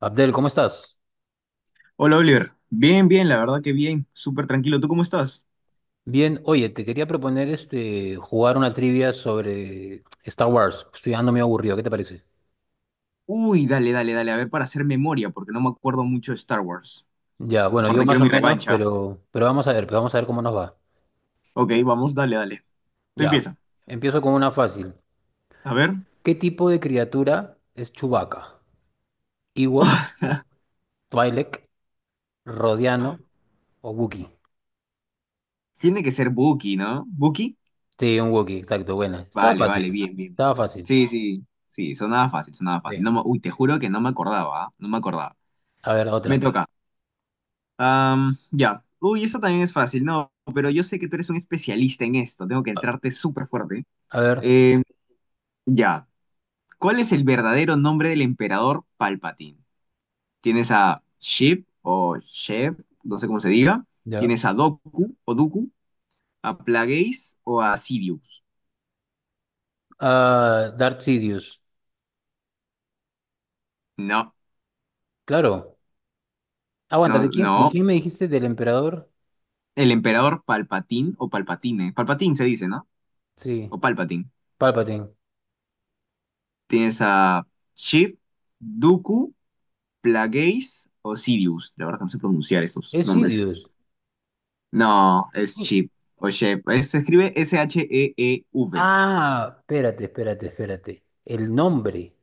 Abdel, ¿cómo estás? Hola Oliver, bien, bien, la verdad que bien, súper tranquilo. ¿Tú cómo estás? Bien, oye, te quería proponer jugar una trivia sobre Star Wars. Estoy ando medio aburrido, ¿qué te parece? Uy, dale, dale, dale, a ver para hacer memoria, porque no me acuerdo mucho de Star Wars. Ya, bueno, yo Aparte más quiero o mi ah, bueno, menos, revancha. pero vamos a ver, pues vamos a ver cómo nos va. Ok, vamos, dale, dale. Tú Ya, empieza. empiezo con una fácil. A ver. ¿Qué tipo de criatura es Chewbacca? ¿Ewok, Twi'lek, Rodiano o Wookiee? Tiene que ser Buki, ¿no? ¿Buki? Sí, un Wookiee, exacto, buena. Estaba Vale, fácil, vale, bien, bien. estaba fácil. Sí, sí, sí, sonaba fácil, sonaba fácil. No Bien. me- uy, te juro que no me acordaba, ¿ah? No me acordaba. A ver, Me otra. toca. Ya. Uy, esta también es fácil, no, pero yo sé que tú eres un especialista en esto. Tengo que A, entrarte súper fuerte. a ver, Eh, ya. ¿Cuál es el verdadero nombre del emperador Palpatine? ¿Tienes a Sheev o Sheev, no sé cómo se diga? ya. ¿Tienes a Doku o Dooku, a Plagueis o a Sidious? Ah, Darth Sidious, No, claro. Aguanta, ¿de no, quién, de no. quién me dijiste? ¿Del emperador? El emperador Palpatine o Palpatine. Palpatine se dice, ¿no? Sí, O Palpatine. Palpatine. ¿Tienes a Sheev, Dooku, Plagueis o Sidious? La verdad que no sé pronunciar estos Es nombres. Sidious. No, es ¿Quién? Sheev o Sheev. Se escribe Sheev. Ah, espérate. El nombre.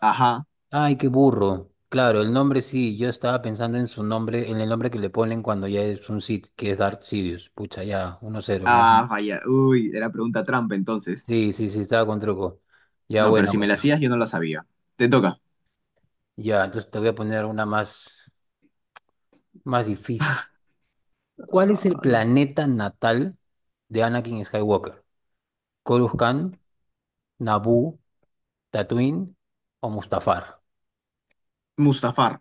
Ajá. Ay, qué burro. Claro, el nombre sí, yo estaba pensando en su nombre, en el nombre que le ponen cuando ya es un Sith, que es Darth Sidious. Pucha, ya, 1-0. Ah, falla. Uy, era pregunta trampa entonces. Sí, sí, sí, estaba con truco. Ya, No, pero buena, si me buena. la hacías, yo no la sabía. Te toca. Ya, entonces te voy a poner una más, más difícil. ¿Cuál es el Ah, no. planeta natal de Anakin Skywalker? Coruscant, Naboo. ¿Tatooine o Mustafar? Mustafar.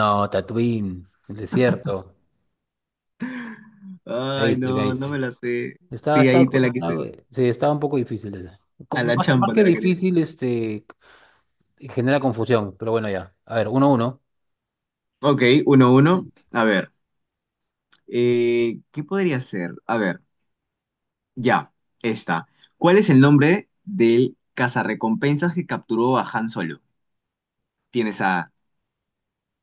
No, Tatooine, el desierto. Ay, Caíste, no, no me caíste. la sé. Está, Sí, está, ahí te la está, quise. sí, estaba un poco difícil esa. A la Más, más champa te que la quería. difícil, genera confusión, pero bueno, ya. A ver, uno a uno. Ok, uno, uno. A ver. ¿Qué podría ser? A ver, ya. Esta. ¿Cuál es el nombre del cazarrecompensas que capturó a Han Solo? Tienes a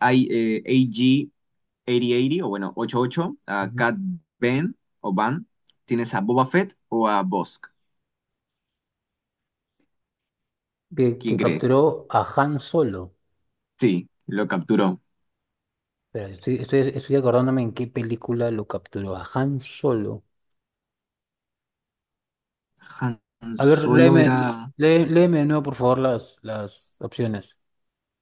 I- eh, 8080 o bueno, 88, a Ujú. Cat Ben o Van. Tienes a Boba Fett o a Bosk. Que ¿Quién crees? capturó a Han Solo. Sí, lo capturó. Espera, estoy acordándome en qué película lo capturó a Han Solo. Han A ver, Solo léeme, era... léeme de nuevo, por favor, las opciones.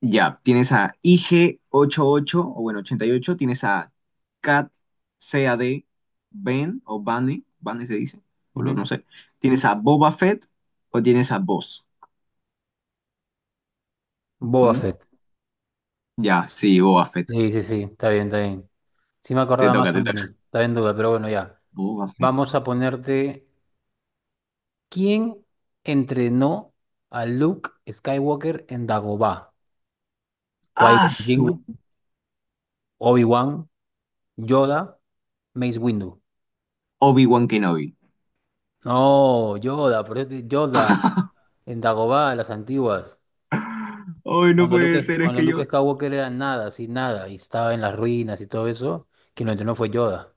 Ya, tienes a IG88 o bueno, 88. Tienes a Cat CAD Ben o Bane. Bane se dice. Ujú. No sé. Tienes a Boba Fett o tienes a Boss. Boba ¿Mm? Fett. Ya, sí, Boba Fett. Sí, sí, sí, está bien, está bien. Sí me Te acordaba toca, más o te menos, toca. estaba en duda, pero bueno, ya. Boba Fett. Vamos a ponerte, ¿quién entrenó a Luke Skywalker en Dagobah? Ah, ¿Qui-Gon su. Jinn, Obi-Wan, Yoda, Mace Windu? Obi-Wan Kenobi. No, Yoda, pero Yoda en Dagobah, las antiguas. Ay, no puede ser, es Cuando que Luke yo, Skywalker era nada, así nada, y estaba en las ruinas y todo eso, quien lo entrenó fue Yoda.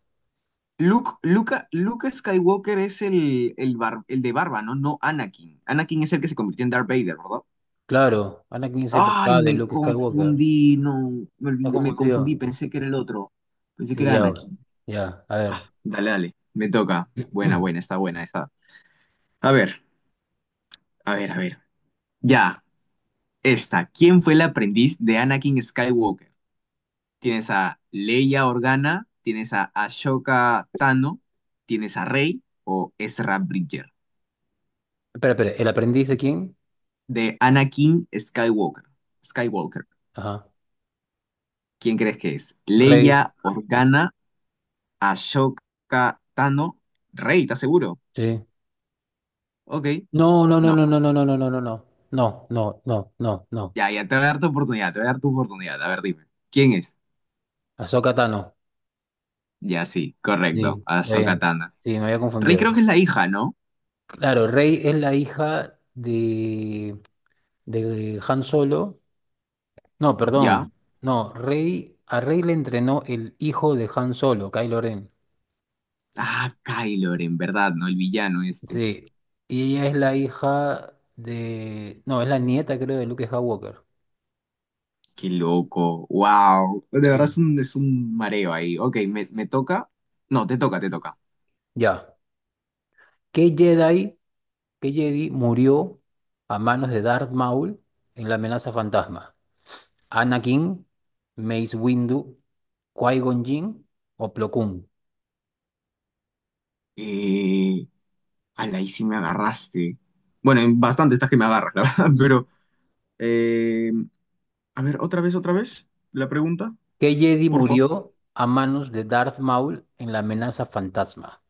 Luke Skywalker es el de barba, ¿no? No Anakin. Anakin es el que se convirtió en Darth Vader, ¿verdad? Claro, Anakin es el Ay, papá de me Luke Skywalker. confundí, no, me ¿Estás olvidé, me confundí, confundido? pensé que era el otro. Pensé que Sí, era ya, Anakin. ya, a Ah, ver. dale, dale, me toca. Buena, buena, está buena esa. A ver, a ver, a ver. Ya, esta. ¿Quién fue el aprendiz de Anakin Skywalker? Tienes a Leia Organa, tienes a Ashoka Tano, tienes a Rey o Ezra Bridger. Espera, ¿el aprendiz de quién? De Anakin Skywalker. Skywalker. Ajá. ¿Quién crees que es? Rey, Leia, Organa, Ashoka, Tano, Rey, ¿estás seguro? sí. Ok, No, no, no, no. no, no, no, no, no, no, no, no. No, no, no, no, no. Ya, ya te voy a dar tu oportunidad, te voy a dar tu oportunidad. A ver, dime. ¿Quién es? Ahsoka Tano. Ya, sí, correcto. Sí, está Ashoka bien. Tano. Sí, me había Rey confundido. creo que es la hija, ¿no? Claro, Rey es la hija de Han Solo. No, perdón. Ya. No, Rey, a Rey le entrenó el hijo de Han Solo, Kylo Ren. Ah, Kylo en verdad, ¿no? El villano este. Sí. Y ella es la hija de. No, es la nieta, creo, de Luke Skywalker. Qué loco. Wow. De verdad Sí. es un, mareo ahí. Ok, me toca. No, te toca, te toca. Ya. ¿Qué Jedi? Que Jedi murió a manos de Darth Maul en la amenaza fantasma? ¿Anakin, Mace Windu, Qui-Gon Jinn o Plo Koon? Eh, Ala, ahí sí me agarraste. Bueno, en bastante estás que me agarras, la verdad, Mm. pero... eh, a ver, otra vez, la pregunta, ¿Qué Jedi por favor. murió a manos de Darth Maul en la amenaza fantasma?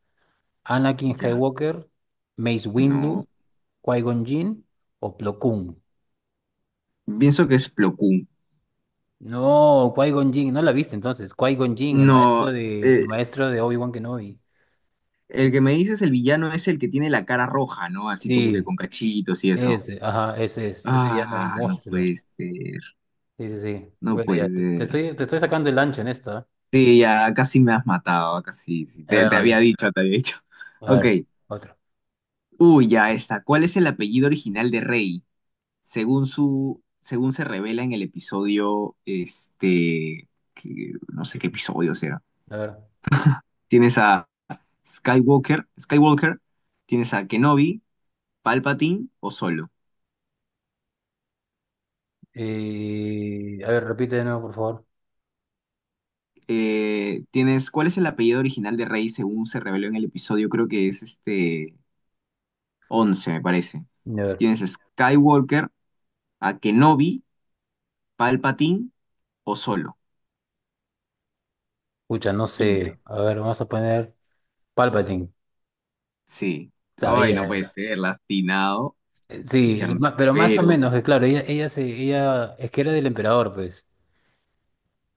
¿Anakin Ya, Skywalker, Mace Windu, no. Qui-Gon Jinn o Plo Koon? Pienso que es Plo Koon. No, Qui-Gon Jinn, no la viste entonces. Qui-Gon Jinn, el No, maestro el eh, maestro de Obi-Wan Kenobi. el que me dices el villano es el que tiene la cara roja, ¿no? Así como que Sí, con cachitos y eso. ese, ajá, ese es, ese ya no es un Ah, no monstruo. puede ser, Sí, sí, sí. no Bueno, puede ya, ser. Te estoy sacando el ancho en esta. Sí, ya casi me has matado, casi, sí. Sí, ¿Eh? A Te, ver, te había dale. dicho, te había dicho. A Ok, ver, otro. uy, ya está. ¿Cuál es el apellido original de Rey? Según se revela en el episodio, no sé qué episodio será. A ver. Tienes a Skywalker, tienes a Kenobi, Palpatine o Solo. A ver, repite de nuevo, por favor. ¿Cuál es el apellido original de Rey según se reveló en el episodio? Creo que es 11, me parece. A ver. Tienes a Skywalker, a Kenobi, Palpatine o Solo. Escucha, no ¿Quién sé. cree? A ver, vamos a poner Palpatine. Sí. Ay, no puede Sabía. ser, lastinado. Qué Sí, pero más o champero. menos, claro, ella, ella, es que era del emperador, pues.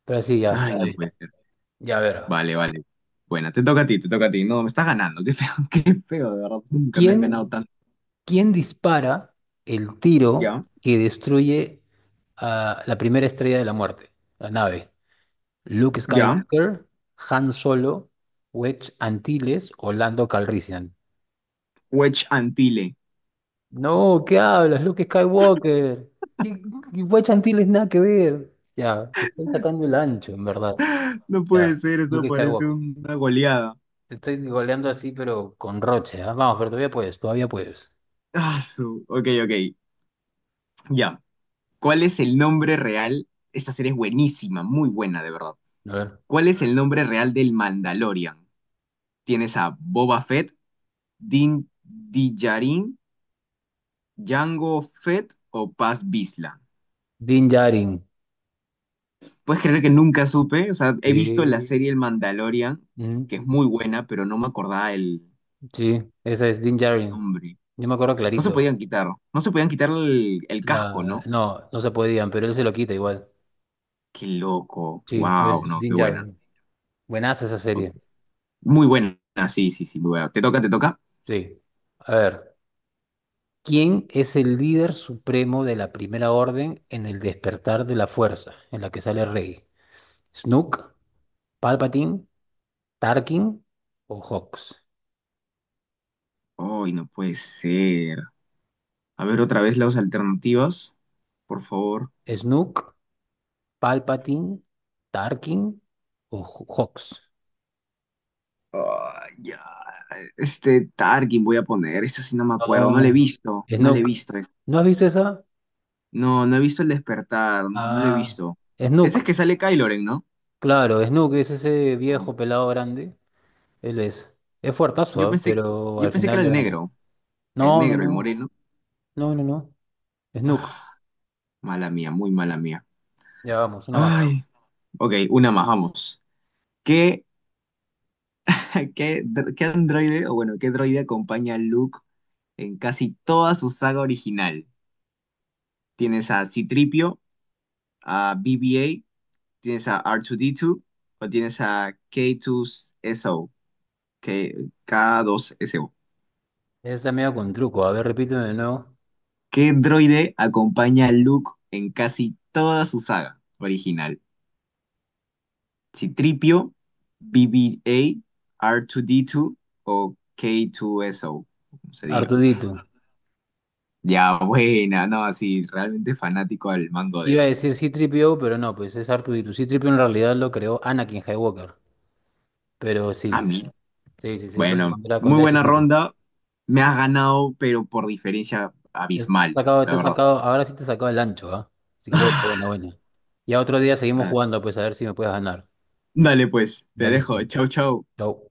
Pero sí, ya, Ay, está no puede bien. ser. Ya, a ver. Vale, vale. Bueno, te toca a ti, te toca a ti. No, me estás ganando. Qué feo, qué feo, de verdad. Nunca me han ganado ¿Quién, tanto. ¿quién dispara el tiro Ya, que destruye a la primera estrella de la muerte? La nave. Luke ya. Skywalker, Han Solo, Wedge Antilles o Lando Calrissian. Wedge Antille. No, ¿qué hablas? Luke Skywalker. ¿Qué- Wedge Antilles nada que ver. Ya, te estoy sacando el ancho, en verdad. No Ya, puede ser, esto Luke parece Skywalker. una goleada. Te estoy goleando así, pero con roche. ¿Ah? Vamos, pero todavía puedes, todavía puedes. Ah, su. Ok, ok. Ya. ¿Cuál es el nombre real? Esta serie es buenísima, muy buena, de verdad. A ver. ¿Cuál es el nombre real del Mandalorian? ¿Tienes a Boba Fett, Din Djarin, Jango Fett o Paz Vizsla? Din Djarin. Puedes creer que nunca supe, o sea, he visto la Sí. serie El Mandalorian, Mm, que es muy buena, pero no me acordaba el sí, esa es Din Djarin. nombre. Yo me acuerdo No se clarito. podían quitar, no se podían quitar el, casco, ¿no? No, no se podían, pero él se lo quita igual. Qué loco, Sí, pero wow, es no, Din qué buena. Djarin. Buenaza esa Ok. serie. Muy buena, sí, sí, sí, muy buena. ¿Te toca, te toca? Sí. A ver, ¿quién es el líder supremo de la Primera Orden en el despertar de la fuerza, en la que sale Rey? ¿Snook, Palpatine, Tarkin o Hawks? Ay, no puede ser. A ver otra vez las alternativas, por favor. ¿Snook, Palpatine, Tarkin o Hawks? Ay, ya. Este Tarkin voy a poner, esta sí no me acuerdo, no le he Oh, visto, no le he Snook. visto. ¿No has visto esa? No, no he visto el despertar, no, no lo he Ah, visto. Ese es Snook. que sale Kylo Ren, ¿no? Claro, Snook es ese Ah. viejo pelado grande. Él es. Es Yo fuertazo, ¿eh? pensé, Pero yo al pensé que final era le el gana. negro, el No, no, negro, el no. moreno. No, no, no. Snook. Ah, mala mía, muy mala mía. Ya vamos, una más. Ay, ok, una más, vamos. ¿Qué, qué, qué androide, o bueno, qué droide acompaña a Luke en casi toda su saga original? ¿Tienes a C-3PO, a BB-8, tienes a c 3 po a bb tienes a r 2 d 2 o tienes a K2SO, K- K2SO? Esta medio con truco. A ver, repíteme de nuevo. ¿Qué droide acompaña a Luke en casi toda su saga original? ¿Citripio, BB-8, R2-D2 o K2SO? Como se diga. Artudito. Ya, buena, no, así, realmente fanático al mango Iba del... a decir C-3 pero no, pues es Artudito. C-3 en realidad lo creó Anakin Skywalker. Pero A sí. mí. Sí, sí, sí, claro, Bueno, muy cuando era buena chiquito. ronda. Me has ganado, pero por diferencia abismal, Te la has verdad. sacado, ahora sí te he sacado el ancho, ¿ah? Así que bueno, bueno, bueno. Ya otro día seguimos Ah, jugando, pues a ver si me puedes ganar. dale pues, te Ya dejo. listo. Chau, chau. Chau.